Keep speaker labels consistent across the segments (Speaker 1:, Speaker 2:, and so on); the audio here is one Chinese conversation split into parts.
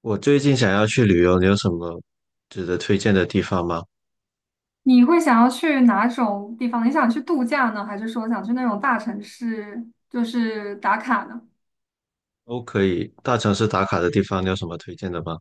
Speaker 1: 我最近想要去旅游，你有什么值得推荐的地方吗？
Speaker 2: 你会想要去哪种地方？你想去度假呢，还是说想去那种大城市，就是打卡呢？
Speaker 1: 都可以，大城市打卡的地方，你有什么推荐的吗？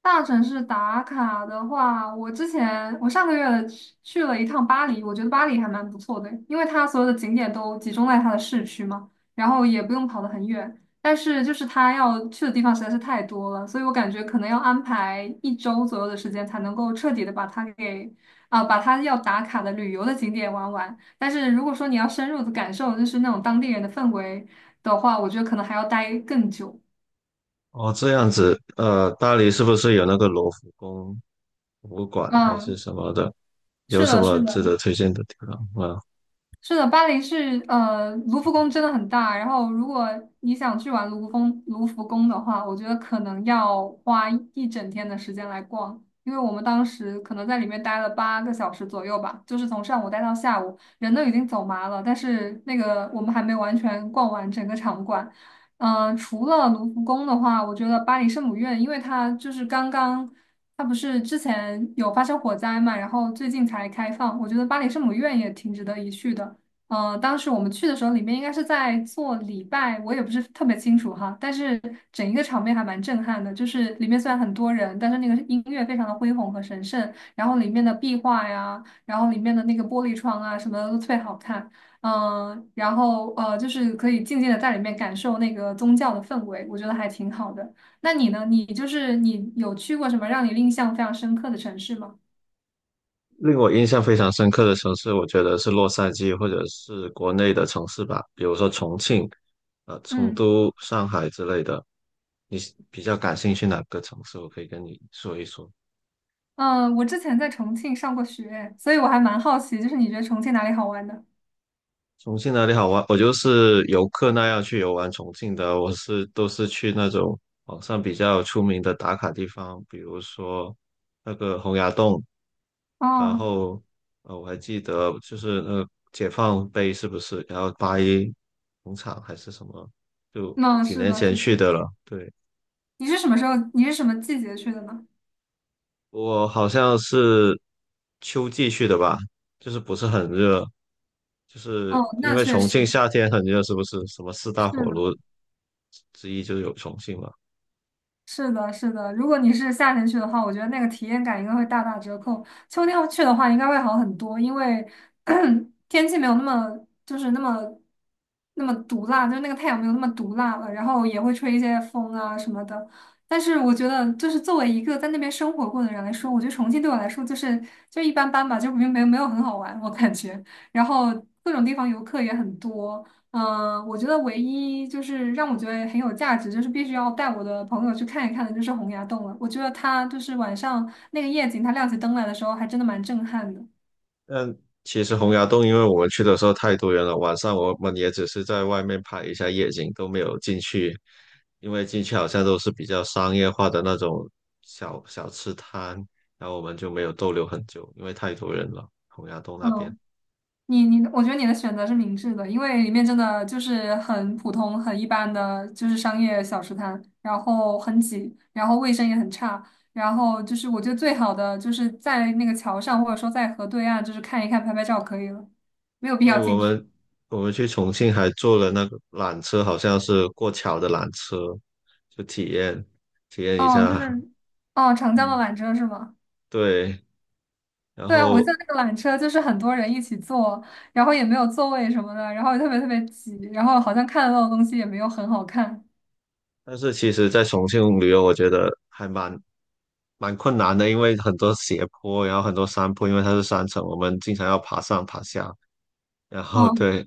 Speaker 2: 大城市打卡的话，我之前我上个月去了一趟巴黎，我觉得巴黎还蛮不错的，因为它所有的景点都集中在它的市区嘛，然后也不用跑得很远。但是就是它要去的地方实在是太多了，所以我感觉可能要安排一周左右的时间才能够彻底的把它要打卡的旅游的景点玩完。但是如果说你要深入的感受就是那种当地人的氛围的话，我觉得可能还要待更久。
Speaker 1: 哦，这样子，巴黎是不是有那个罗浮宫博物馆还是
Speaker 2: 嗯，
Speaker 1: 什么的？有
Speaker 2: 是
Speaker 1: 什
Speaker 2: 的，
Speaker 1: 么
Speaker 2: 是
Speaker 1: 值得
Speaker 2: 的。
Speaker 1: 推荐的地方吗？
Speaker 2: 是的，巴黎是呃，卢浮宫真的很大。然后，如果你想去玩卢浮宫的话，我觉得可能要花一整天的时间来逛，因为我们当时可能在里面待了8个小时左右吧，就是从上午待到下午，人都已经走麻了，但是那个我们还没完全逛完整个场馆。除了卢浮宫的话，我觉得巴黎圣母院，因为它就是刚刚。它不是之前有发生火灾嘛，然后最近才开放，我觉得巴黎圣母院也挺值得一去的。当时我们去的时候，里面应该是在做礼拜，我也不是特别清楚哈，但是整一个场面还蛮震撼的。就是里面虽然很多人，但是那个音乐非常的恢宏和神圣，然后里面的壁画呀，然后里面的那个玻璃窗啊，什么的都特别好看。然后，就是可以静静的在里面感受那个宗教的氛围，我觉得还挺好的。那你呢？你就是你有去过什么让你印象非常深刻的城市吗？
Speaker 1: 令我印象非常深刻的城市，我觉得是洛杉矶或者是国内的城市吧，比如说重庆、成
Speaker 2: 嗯。
Speaker 1: 都、上海之类的。你比较感兴趣哪个城市？我可以跟你说一说。
Speaker 2: 嗯，我之前在重庆上过学，所以我还蛮好奇，就是你觉得重庆哪里好玩的？
Speaker 1: 重庆哪里好玩？我就是游客那样去游玩重庆的，我是都是去那种网上比较出名的打卡地方，比如说那个洪崖洞，然
Speaker 2: 哦，
Speaker 1: 后我还记得就是那个解放碑是不是？然后八一农场还是什么？就
Speaker 2: 那
Speaker 1: 几
Speaker 2: 是
Speaker 1: 年
Speaker 2: 的，是
Speaker 1: 前去
Speaker 2: 的。
Speaker 1: 的了，对。
Speaker 2: 你是什么时候？你是什么季节去的呢？
Speaker 1: 我好像是秋季去的吧，就是不是很热，就
Speaker 2: 哦，
Speaker 1: 是因
Speaker 2: 那
Speaker 1: 为
Speaker 2: 确
Speaker 1: 重
Speaker 2: 实
Speaker 1: 庆夏天很热，是不是？什么四大
Speaker 2: 是
Speaker 1: 火炉
Speaker 2: 的。
Speaker 1: 之一就是有重庆嘛。
Speaker 2: 是的，是的。如果你是夏天去的话，我觉得那个体验感应该会大打折扣。秋天去的话，应该会好很多，因为 天气没有那么毒辣，就是那个太阳没有那么毒辣了，然后也会吹一些风啊什么的。但是我觉得，就是作为一个在那边生活过的人来说，我觉得重庆对我来说就是一般般吧，就没有很好玩，我感觉。然后各种地方游客也很多，嗯，我觉得唯一就是让我觉得很有价值，就是必须要带我的朋友去看一看的，就是洪崖洞了。我觉得它就是晚上那个夜景，它亮起灯来的时候，还真的蛮震撼的。
Speaker 1: 但其实洪崖洞，因为我们去的时候太多人了，晚上我们也只是在外面拍一下夜景，都没有进去，因为进去好像都是比较商业化的那种小小吃摊，然后我们就没有逗留很久，因为太多人了，洪崖洞那边。
Speaker 2: 嗯，我觉得你的选择是明智的，因为里面真的就是很普通、很一般的，就是商业小吃摊，然后很挤，然后卫生也很差，然后就是我觉得最好的就是在那个桥上，或者说在河对岸，就是看一看、拍拍照可以了，没有必要
Speaker 1: 对，我
Speaker 2: 进去。
Speaker 1: 们我们去重庆还坐了那个缆车，好像是过桥的缆车，就体验一
Speaker 2: 哦，就
Speaker 1: 下。
Speaker 2: 是，哦，长江的
Speaker 1: 嗯，
Speaker 2: 缆车是吗？
Speaker 1: 对。然
Speaker 2: 对啊，我记得
Speaker 1: 后，
Speaker 2: 那个缆车就是很多人一起坐，然后也没有座位什么的，然后也特别特别挤，然后好像看得到的东西也没有很好看。
Speaker 1: 但是其实，在重庆旅游，我觉得还蛮困难的，因为很多斜坡，然后很多山坡，因为它是山城，我们经常要爬上爬下。然后
Speaker 2: 嗯，
Speaker 1: 对。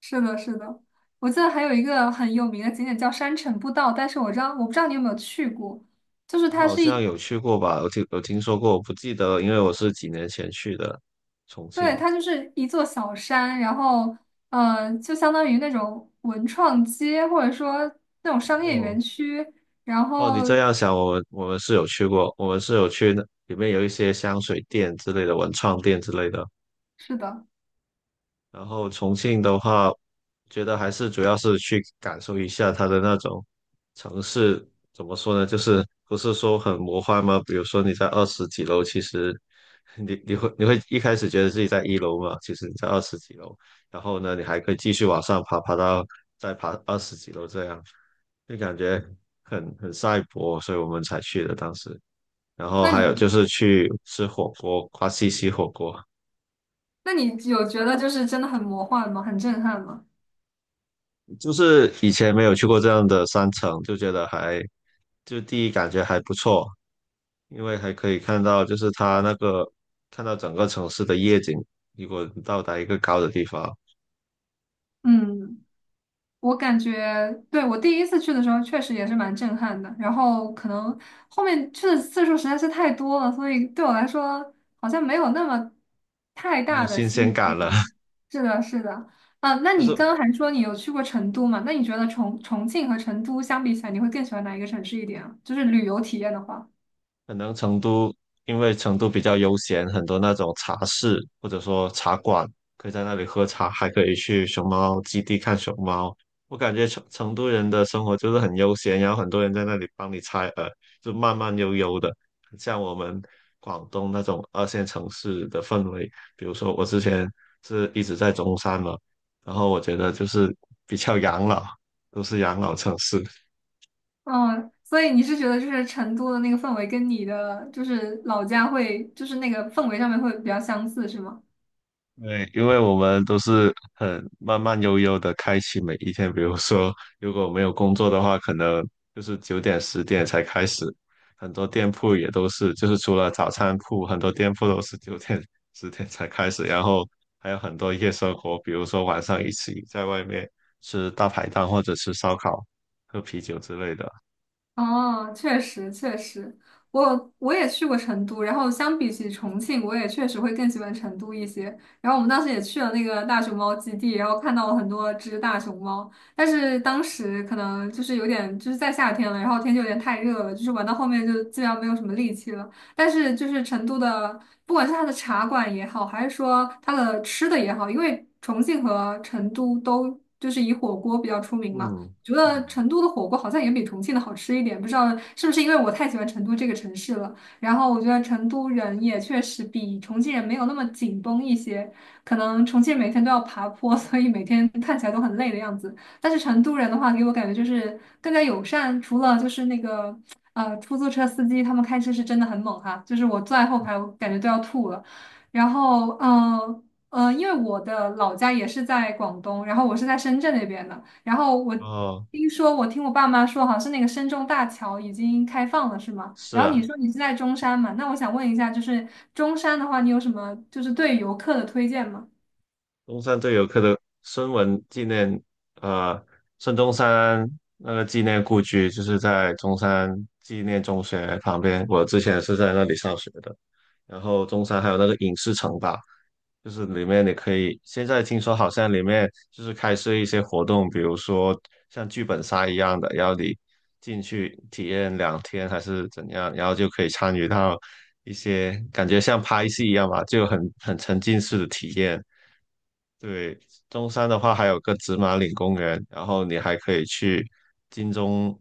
Speaker 2: 是的，是的，我记得还有一个很有名的景点叫山城步道，但是我不知道你有没有去过，就是它
Speaker 1: 好
Speaker 2: 是
Speaker 1: 像
Speaker 2: 一，
Speaker 1: 有去过吧？我听有听说过，我不记得了，因为我是几年前去的重
Speaker 2: 对，
Speaker 1: 庆。
Speaker 2: 它就是一座小山，然后就相当于那种文创街或者说那种商业
Speaker 1: 哦，
Speaker 2: 园区，然
Speaker 1: 哦，
Speaker 2: 后
Speaker 1: 你这样想，我们是有去过，我们是有去那里面有一些香水店之类的、文创店之类的，
Speaker 2: 是的。
Speaker 1: 然后重庆的话，觉得还是主要是去感受一下它的那种城市，怎么说呢？就是不是说很魔幻吗？比如说你在二十几楼，其实你会一开始觉得自己在一楼嘛，其实你在二十几楼，然后呢，你还可以继续往上爬，爬到再爬二十几楼这样，就感觉很赛博，所以我们才去的当时。然后
Speaker 2: 那
Speaker 1: 还有
Speaker 2: 你
Speaker 1: 就是去吃火锅，花西西火锅，
Speaker 2: 那你有觉得就是真的很魔幻吗？很震撼吗？
Speaker 1: 就是以前没有去过这样的山城，就觉得还，就第一感觉还不错，因为还可以看到，就是它那个看到整个城市的夜景。如果你到达一个高的地方，
Speaker 2: 嗯，我感觉，对，我第一次去的时候确实也是蛮震撼的，然后可能后面去的次数实在是太多了，所以对我来说好像没有那么太
Speaker 1: 没有
Speaker 2: 大的
Speaker 1: 新
Speaker 2: 吸
Speaker 1: 鲜
Speaker 2: 引力
Speaker 1: 感了。
Speaker 2: 了。是的，是的，啊，那
Speaker 1: 但是
Speaker 2: 你刚刚还说你有去过成都嘛？那你觉得重庆和成都相比起来，你会更喜欢哪一个城市一点啊？就是旅游体验的话。
Speaker 1: 可能成都因为成都比较悠闲，很多那种茶室或者说茶馆，可以在那里喝茶，还可以去熊猫基地看熊猫。我感觉成都人的生活就是很悠闲，然后很多人在那里帮你拆耳，就慢慢悠悠的，很像我们广东那种二线城市的氛围。比如说我之前是一直在中山嘛，然后我觉得就是比较养老，都是养老城市。
Speaker 2: 嗯，所以你是觉得就是成都的那个氛围跟你的就是老家会就是那个氛围上面会比较相似，是吗？
Speaker 1: 对，因为我们都是很慢慢悠悠的开启每一天，比如说如果没有工作的话，可能就是九点十点才开始，很多店铺也都是，就是除了早餐铺，很多店铺都是九点十点才开始，然后还有很多夜生活，比如说晚上一起在外面吃大排档或者吃烧烤、喝啤酒之类的。
Speaker 2: 哦，确实确实，我也去过成都，然后相比起重庆，我也确实会更喜欢成都一些。然后我们当时也去了那个大熊猫基地，然后看到了很多只大熊猫，但是当时可能就是有点就是在夏天了，然后天气有点太热了，就是玩到后面就基本上没有什么力气了。但是就是成都的，不管是它的茶馆也好，还是说它的吃的也好，因为重庆和成都都就是以火锅比较出名嘛。
Speaker 1: 嗯
Speaker 2: 觉得
Speaker 1: 嗯，
Speaker 2: 成都的火锅好像也比重庆的好吃一点，不知道是不是因为我太喜欢成都这个城市了。然后我觉得成都人也确实比重庆人没有那么紧绷一些，可能重庆每天都要爬坡，所以每天看起来都很累的样子。但是成都人的话，给我感觉就是更加友善，除了就是那个出租车司机，他们开车是真的很猛哈，就是我坐在后排，我感觉都要吐了。然后因为我的老家也是在广东，然后我是在深圳那边的。然后
Speaker 1: 哦，
Speaker 2: 我听我爸妈说，好像是那个深中大桥已经开放了，是吗？
Speaker 1: 是
Speaker 2: 然后你
Speaker 1: 啊，
Speaker 2: 说你是在中山嘛？那我想问一下，就是中山的话，你有什么就是对游客的推荐吗？
Speaker 1: 中山对游客的孙文纪念，呃，孙中山那个纪念故居就是在中山纪念中学旁边，我之前是在那里上学的。然后中山还有那个影视城吧，就是里面你可以，现在听说好像里面就是开设一些活动，比如说像剧本杀一样的，然后你进去体验两天还是怎样，然后就可以参与到一些感觉像拍戏一样吧，就很沉浸式的体验。对，中山的话还有个紫马岭公园，然后你还可以去金钟，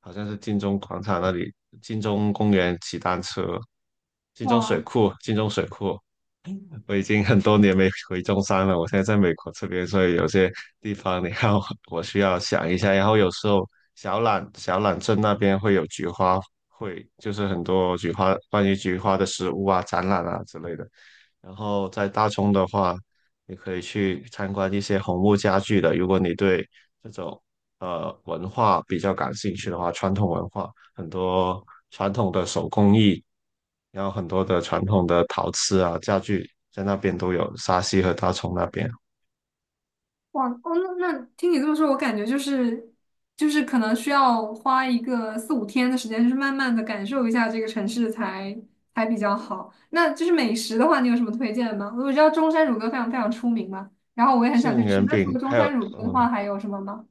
Speaker 1: 好像是金钟广场那里，金钟公园骑单车，金钟水
Speaker 2: 哇
Speaker 1: 库，金钟水库。我已经很多年没回中山了，我现在在美国这边，所以有些地方你看我需要想一下。然后有时候小榄镇那边会有菊花会，就是很多菊花关于菊花的食物啊、展览啊之类的。然后在大冲的话，你可以去参观一些红木家具的。如果你对这种文化比较感兴趣的话，传统文化很多传统的手工艺，然后很多的传统的陶瓷啊家具在那边都有，沙溪和大冲那边。
Speaker 2: 哇哦，那听你这么说，我感觉就是可能需要花一个四五天的时间，就是慢慢的感受一下这个城市才比较好。那就是美食的话，你有什么推荐吗？我知道中山乳鸽非常非常出名嘛，然后我也很想
Speaker 1: 杏
Speaker 2: 去吃。
Speaker 1: 仁
Speaker 2: 那除
Speaker 1: 饼
Speaker 2: 了中
Speaker 1: 还有
Speaker 2: 山乳鸽的
Speaker 1: 嗯、
Speaker 2: 话，还有什么吗？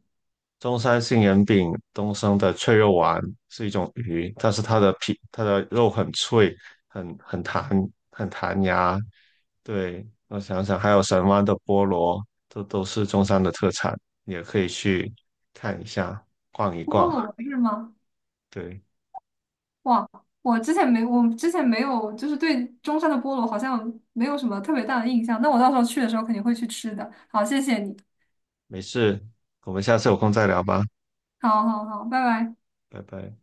Speaker 1: 中山杏仁饼东升的脆肉丸是一种鱼，但是它的皮、它的肉很脆，很弹、很弹牙。对，我想想，还有神湾的菠萝，这都是中山的特产，也可以去看一下、逛一
Speaker 2: 菠
Speaker 1: 逛。
Speaker 2: 萝是吗？
Speaker 1: 对，
Speaker 2: 哇，我之前没有，就是对中山的菠萝好像没有什么特别大的印象。那我到时候去的时候肯定会去吃的。好，谢谢你。
Speaker 1: 没事，我们下次有空再聊吧，
Speaker 2: 好好好，拜拜。
Speaker 1: 拜拜。